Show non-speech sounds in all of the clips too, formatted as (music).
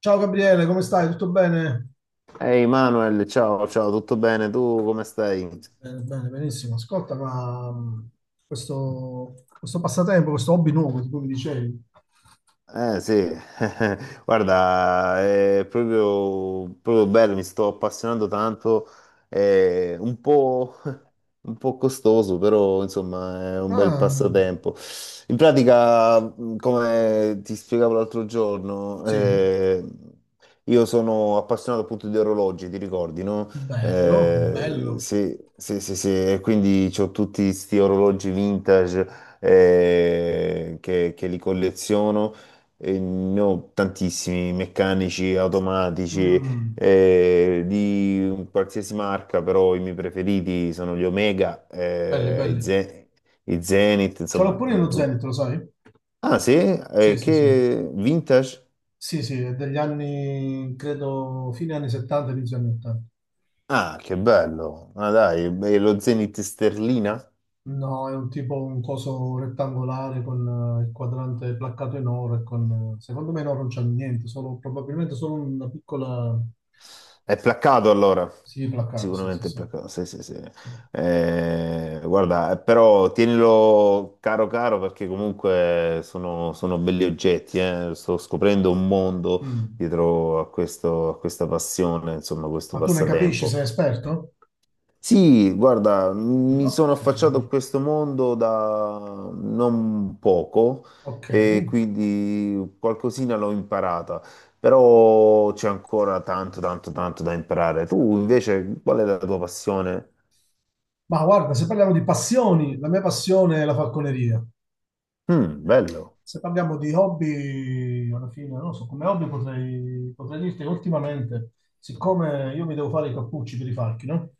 Ciao Gabriele, come stai? Tutto bene? Ehi Manuel, ciao, ciao, tutto bene? Tu come stai? Bene, bene, benissimo. Ascolta, ma questo passatempo, questo hobby nuovo di cui mi dicevi. Eh sì, (laughs) guarda, è proprio bello, mi sto appassionando tanto, eh, un po', Un po' costoso, però insomma è un bel Ah, passatempo. In pratica, come ti spiegavo l'altro giorno, sì, io sono appassionato appunto di orologi, ti ricordi, no? bello, bello. Sì, sì, sì, sì, e quindi ho tutti questi orologi vintage che li colleziono. E ne ho tantissimi meccanici, automatici, Mm, di qualsiasi marca, però i miei preferiti sono gli Omega, belli, belli. I Zenith, Ce l'ho insomma. pure nello Zenith, lo sai? Ah sì? Sì, sì, sì. Che vintage? Sì, sì, è degli anni, credo, fine anni 70, inizio anni 80. Ah, che bello! Ah dai, e lo Zenith sterlina? No, è un tipo, un coso rettangolare con il quadrante placcato in oro e con, secondo me in oro non c'è niente, solo, probabilmente solo una piccola. È placcato allora. Sì, placcato, sì, sì, Sicuramente è sì, placcato. Sì, sì, sì. sì. Guarda, però tienilo caro caro perché comunque sono belli oggetti. Sto scoprendo un mondo Mm. dietro a a questa passione, insomma, questo Ma tu ne capisci, sei passatempo. esperto? Sì, guarda, Mm, mi ok, sono affacciato a questo mondo da non poco ok. e quindi qualcosina l'ho imparata, però c'è ancora tanto, tanto, tanto da imparare. Tu invece, qual è la tua passione? Ma guarda, se parliamo di passioni, la mia passione è la falconeria. Mm, bello. Se parliamo di hobby, alla fine, non lo so, come hobby potrei dirti che ultimamente, siccome io mi devo fare i cappucci per i falchi, no?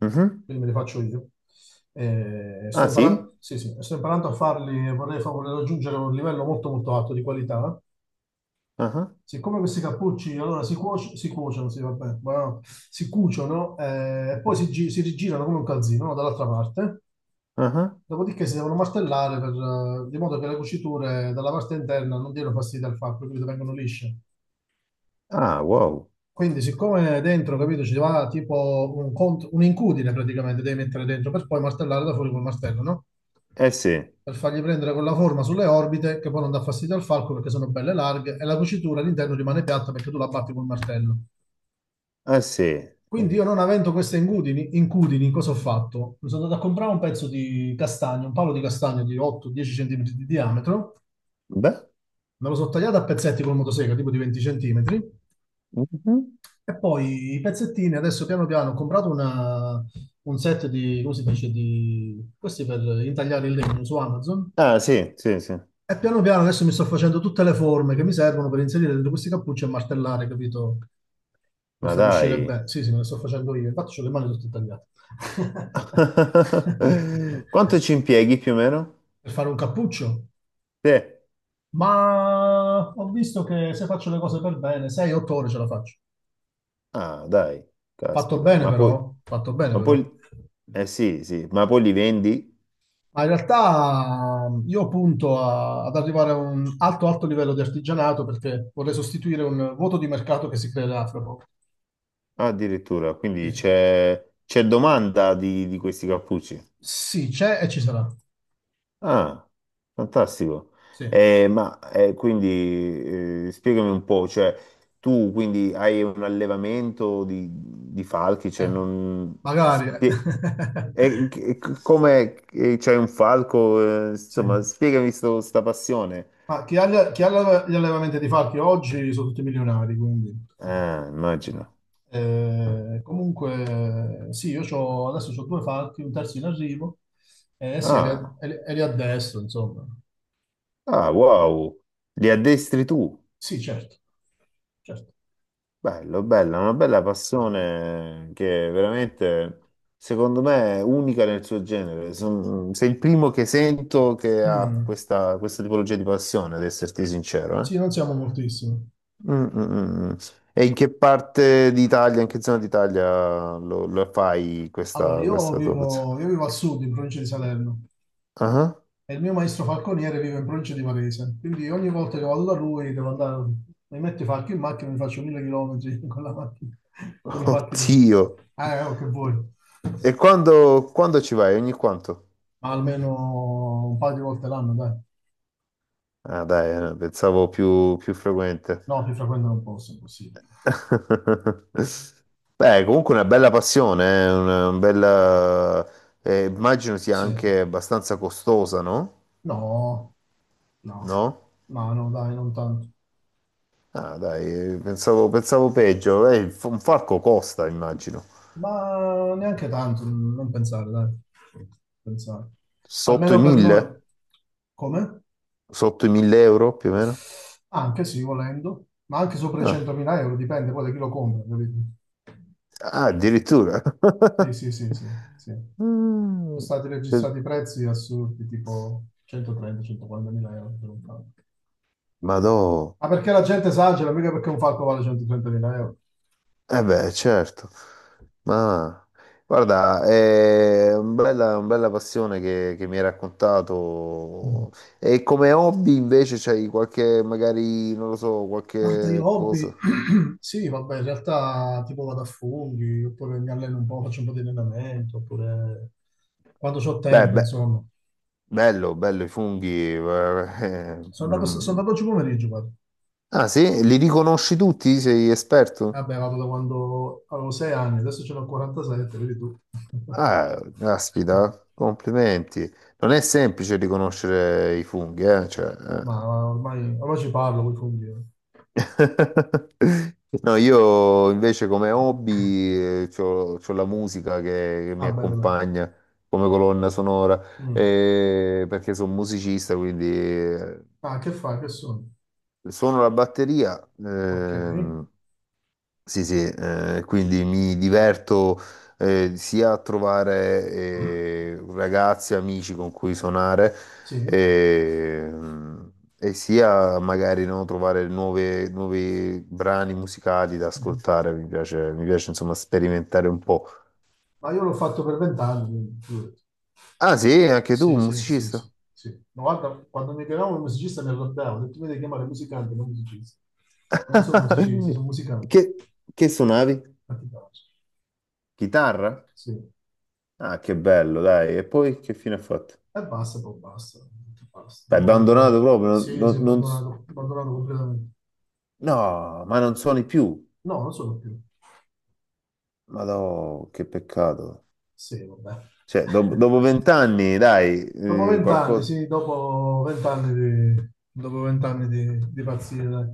Mhm. Quindi me li faccio io. E sto Ah sì? imparando, sì, sì, sto imparando a farli e vorrei raggiungere un livello molto molto alto di qualità. Ah, Siccome questi cappucci allora si cuociono, sì, vabbè, no, si cuciono, e poi ah, si rigirano come un calzino, no? Dall'altra parte, ah. dopodiché si devono martellare per, di modo che le cuciture dalla parte interna non diano fastidio al fatto, quindi vengono lisce. Ah, wow. Quindi, siccome dentro, capito, ci va tipo un incudine praticamente, devi mettere dentro per poi martellare da fuori col martello, no? Eh sì, eh Per fargli prendere quella forma sulle orbite che poi non dà fastidio al falco perché sono belle larghe e la cucitura all'interno rimane piatta perché tu la batti col martello. sì. Quindi Mhm. io non avendo queste incudini, incudini, cosa ho fatto? Mi sono andato a comprare un pezzo di castagno, un palo di castagno di 8-10 cm di diametro, Beh. me lo sono tagliato a pezzetti col motosega, tipo di 20 cm, Mhm. e poi i pezzettini, adesso piano piano ho comprato un set di, come si dice, questi per intagliare il legno su Amazon, Ah sì, sì, sì. e piano piano adesso mi sto facendo tutte le forme che mi servono per inserire dentro questi cappucci e martellare, capito? Per Ma farli uscire dai. bene. Sì, sì, me le sto facendo io. Infatti, ho le mani tutte tagliate. (laughs) (laughs) Quanto ci impieghi più o meno? Per fare un cappuccio. Sì. Ma ho visto che se faccio le cose per bene, 6-8 ore ce la faccio. Ah, dai, Fatto caspita. bene, però. Fatto bene, ma poi, però. eh sì, sì, ma poi li vendi? Ma in realtà, io punto ad arrivare a un alto, alto livello di artigianato perché vorrei sostituire un vuoto di mercato che si creerà fra poco. Ah, addirittura, Sì, quindi c'è domanda di questi cappucci. Sì, c'è e ci sarà. Ah, fantastico. Sì. Eh, ma eh, quindi spiegami un po', cioè tu quindi hai un allevamento di falchi, cioè Eh, non... magari. Eh. spie- (laughs) come e c'hai un falco, Sì. insomma, spiegami sta passione. Ma chi ha, gli chi ha l'alleva- gli allevamenti di falchi oggi sono tutti milionari, quindi... Ah, immagino. Comunque, sì, io adesso ho due falchi, un terzo in arrivo, e Ah, e li addestro, insomma. ah, wow, li addestri tu. Sì, certo, certo. Bello, bella, una bella passione che veramente, secondo me, è unica nel suo genere. Sei il primo che sento che ha Mm. Questa tipologia di passione, ad esserti sincero. Sì, non siamo moltissimi. Mm, mm, mm, mm. E in che parte d'Italia, in che zona d'Italia lo fai Allora, questa tua passione? Io vivo al sud, in provincia di Salerno. Ah? E il mio maestro falconiere vive in provincia di Varese, quindi ogni volta che vado da lui devo andare, mi metto i falchi in macchina e mi faccio 1000 chilometri (laughs) con la macchina, con Ah. i falchi dentro. Oddio! Oh, che vuoi, ma E quando ci vai? Ogni quanto? almeno un paio di volte l'anno, dai. Ah, dai, pensavo più più frequente. No, ti frequentano un po', se è possibile. Beh, comunque una bella passione, una bella... immagino sia Sì, anche abbastanza costosa, no? no, no, No? no, no, dai, non tanto. Ah, dai, pensavo peggio. Il un falco costa, immagino. Ma neanche tanto, non pensare, dai. Non pensare. Sotto i Almeno per noi. 1000? Come? Sotto i 1000 euro, più o meno? Anche sì, volendo, ma anche sopra i Ah, 100.000 euro, dipende poi da chi lo compra, capito? Ah, addirittura. Sì, sì, sì, (laughs) sì, sì. Sono Mm. stati Eh, registrati prezzi assurdi, tipo 130-140.000 euro per un falco. Madò. Ma perché la gente esagera, mica perché un falco vale 130.000 euro. Eh beh, certo, ma guarda, è un una bella passione che mi hai Mm. raccontato. E come hobby invece c'hai qualche, magari, non lo so, Guarda, io qualche hobby, cosa? (clears throat) sì, vabbè, in realtà tipo vado a funghi, oppure mi alleno un po', faccio un po' di allenamento, oppure quando ho Beh, tempo, beh, insomma. bello, bello i funghi. (laughs) Mm. Sono andato oggi pomeriggio, guarda. Ah sì? Li riconosci tutti? Sei esperto? Vabbè, vado da quando avevo 6 anni, adesso ce n'ho 47, vedi tu. Ah, (laughs) caspita, complimenti. Non è semplice riconoscere i funghi, eh? Cioè. Eh. Ma ormai ci parlo, vuoi fondire. (laughs) No, io invece come hobby ho la musica che mi Ah, bello, bello. accompagna come colonna sonora, Mm. Perché sono musicista, quindi, Ah, che fai? Che sono? suono la batteria, Ok. Sì, sì, quindi mi diverto sia a trovare ragazzi, amici con cui suonare, Sì. eh, e sia magari no, trovare nuovi brani musicali da Mhm. ascoltare. Mi piace insomma sperimentare un po'. Ma io l'ho fatto per 20 anni, quindi, figurati. Ah sì, anche tu, Sì, un sì, sì, musicista? sì, sì. Ma guarda, quando mi chiamavano il musicista mi arrabbiavo, ho detto, mi devi chiamare musicante, non musicista. Non sono musicista, sono (laughs) musicante. Che, che suonavi? Ma ti piace? Chitarra? Sì. Ah, che bello, dai. E poi che fine ha fatto? E basta, poi basta, basta. L'hai Dopo abbandonato vent'anni. proprio? Sì, si è abbandonato, abbandonato completamente. No, ma non suoni più. No, non sono più. Ma no, che peccato. Sì, vabbè. Cioè, (laughs) dopo vent'anni, dai, Dopo eh, vent'anni, qualcosa, sì, dopo vent'anni di pazzie, dai.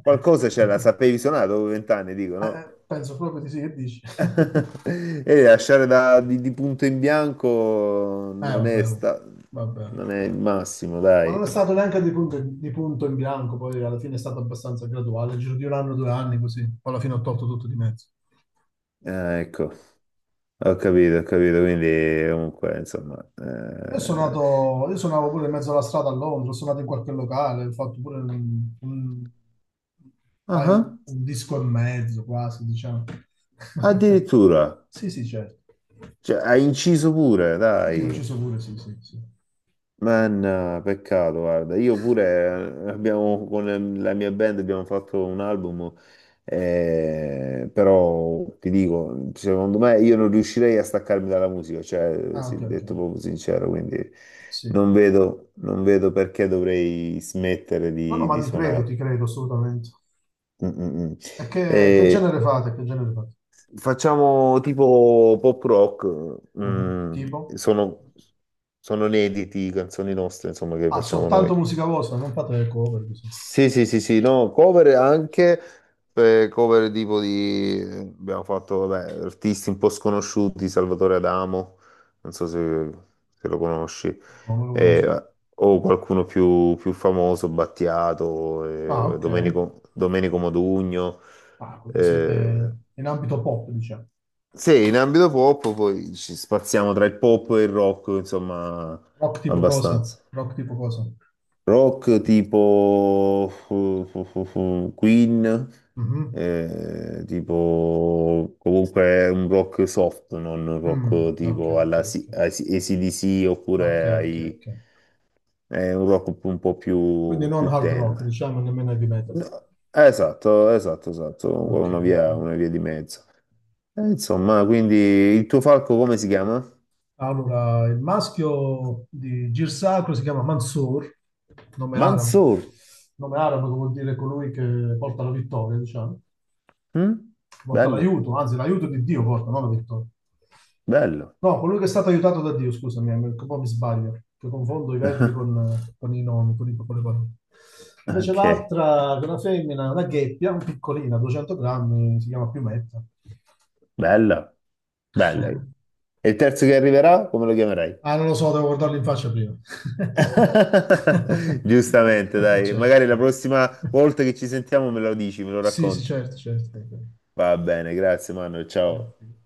qualcosa c'era, la sapevi suonare dopo vent'anni, dico, Eh, no? eh, penso proprio di sì, che dici? (laughs) (laughs) E lasciare di punto in bianco non è, vabbè, oh, non è il vabbè. massimo, Ma non dai. è stato neanche di punto in bianco, poi alla fine è stato abbastanza graduale, nel giro di un anno, due anni, così. Poi alla fine ho tolto tutto di mezzo. Ah, ecco, ho capito, quindi comunque, insomma... Io sono nato, io suonavo pure in mezzo alla strada a Londra, ho suonato in qualche locale, ho fatto pure ah, un disco e mezzo quasi, diciamo. (laughs) addirittura, Sì, sì, certo. cioè, hai inciso pure, Sì, sì, ho dai. inciso pure, sì, sì, sì. Ma no, peccato, guarda, io pure abbiamo, con la mia band abbiamo fatto un album, però ti dico, secondo me io non riuscirei a staccarmi dalla musica, cioè, Ah, ok, sì, ok. detto proprio sincero, quindi Sì. Non vedo perché dovrei smettere No, no, ma di suonare. ti credo assolutamente. Mm, mm, mm. E che Eh, genere fate? Che genere fate? facciamo tipo pop rock, Mhm. mm, Tipo? sono, sono inediti canzoni nostre, insomma, che Ah, facciamo noi. soltanto musica vostra, non fate le cover, così. Sì, sì, sì, sì, no, cover anche, abbiamo fatto, vabbè, artisti un po' sconosciuti, Salvatore Adamo, non so se, se lo conosci, No, non lo conosco. eh, o qualcuno più, più famoso, Ah, Battiato, ok. Domenico Modugno, Ah, quindi eh, siete in ambito pop, diciamo. sì, in ambito pop poi ci spaziamo tra il pop e il rock, insomma, Rock tipo cosa? abbastanza. Rock tipo cosa? Rock tipo (laughs) Queen, Mhm. Tipo comunque un rock soft, non un Mm, rock ok, tipo ok, alla ok. AC/DC Ok, oppure ok, ok. ai, è un rock un po' Quindi più, non più hard rock, tenero. diciamo nemmeno heavy metal. No, Esatto, esatto, esatto, con Ok, una ok. Una via di mezzo. Insomma, quindi il tuo falco come si chiama? Allora, il maschio di Girsacro si chiama Mansour, nome arabo. Mansoor. Nome arabo che vuol dire colui che porta la vittoria, diciamo. Mm? Porta Bello, l'aiuto, anzi l'aiuto di Dio porta, non la vittoria. bello. No, colui che è stato aiutato da Dio, scusami, un po' mi sbaglio, che confondo i verbi con, (laughs) i nomi, con le parole. Invece Ok, l'altra, che è una femmina, una gheppia, un piccolina, 200 grammi, si chiama Piumetta. bello, bello. E (laughs) il terzo che arriverà, come lo chiamerai? Ah, non lo so, devo guardarlo in faccia prima. (laughs) (laughs) Giustamente, dai, Certo. magari la prossima volta che ci sentiamo me lo dici, me lo Sì, sì, racconti. certo, certo. Va bene. Va bene, grazie, Manuel, ciao. Grazie.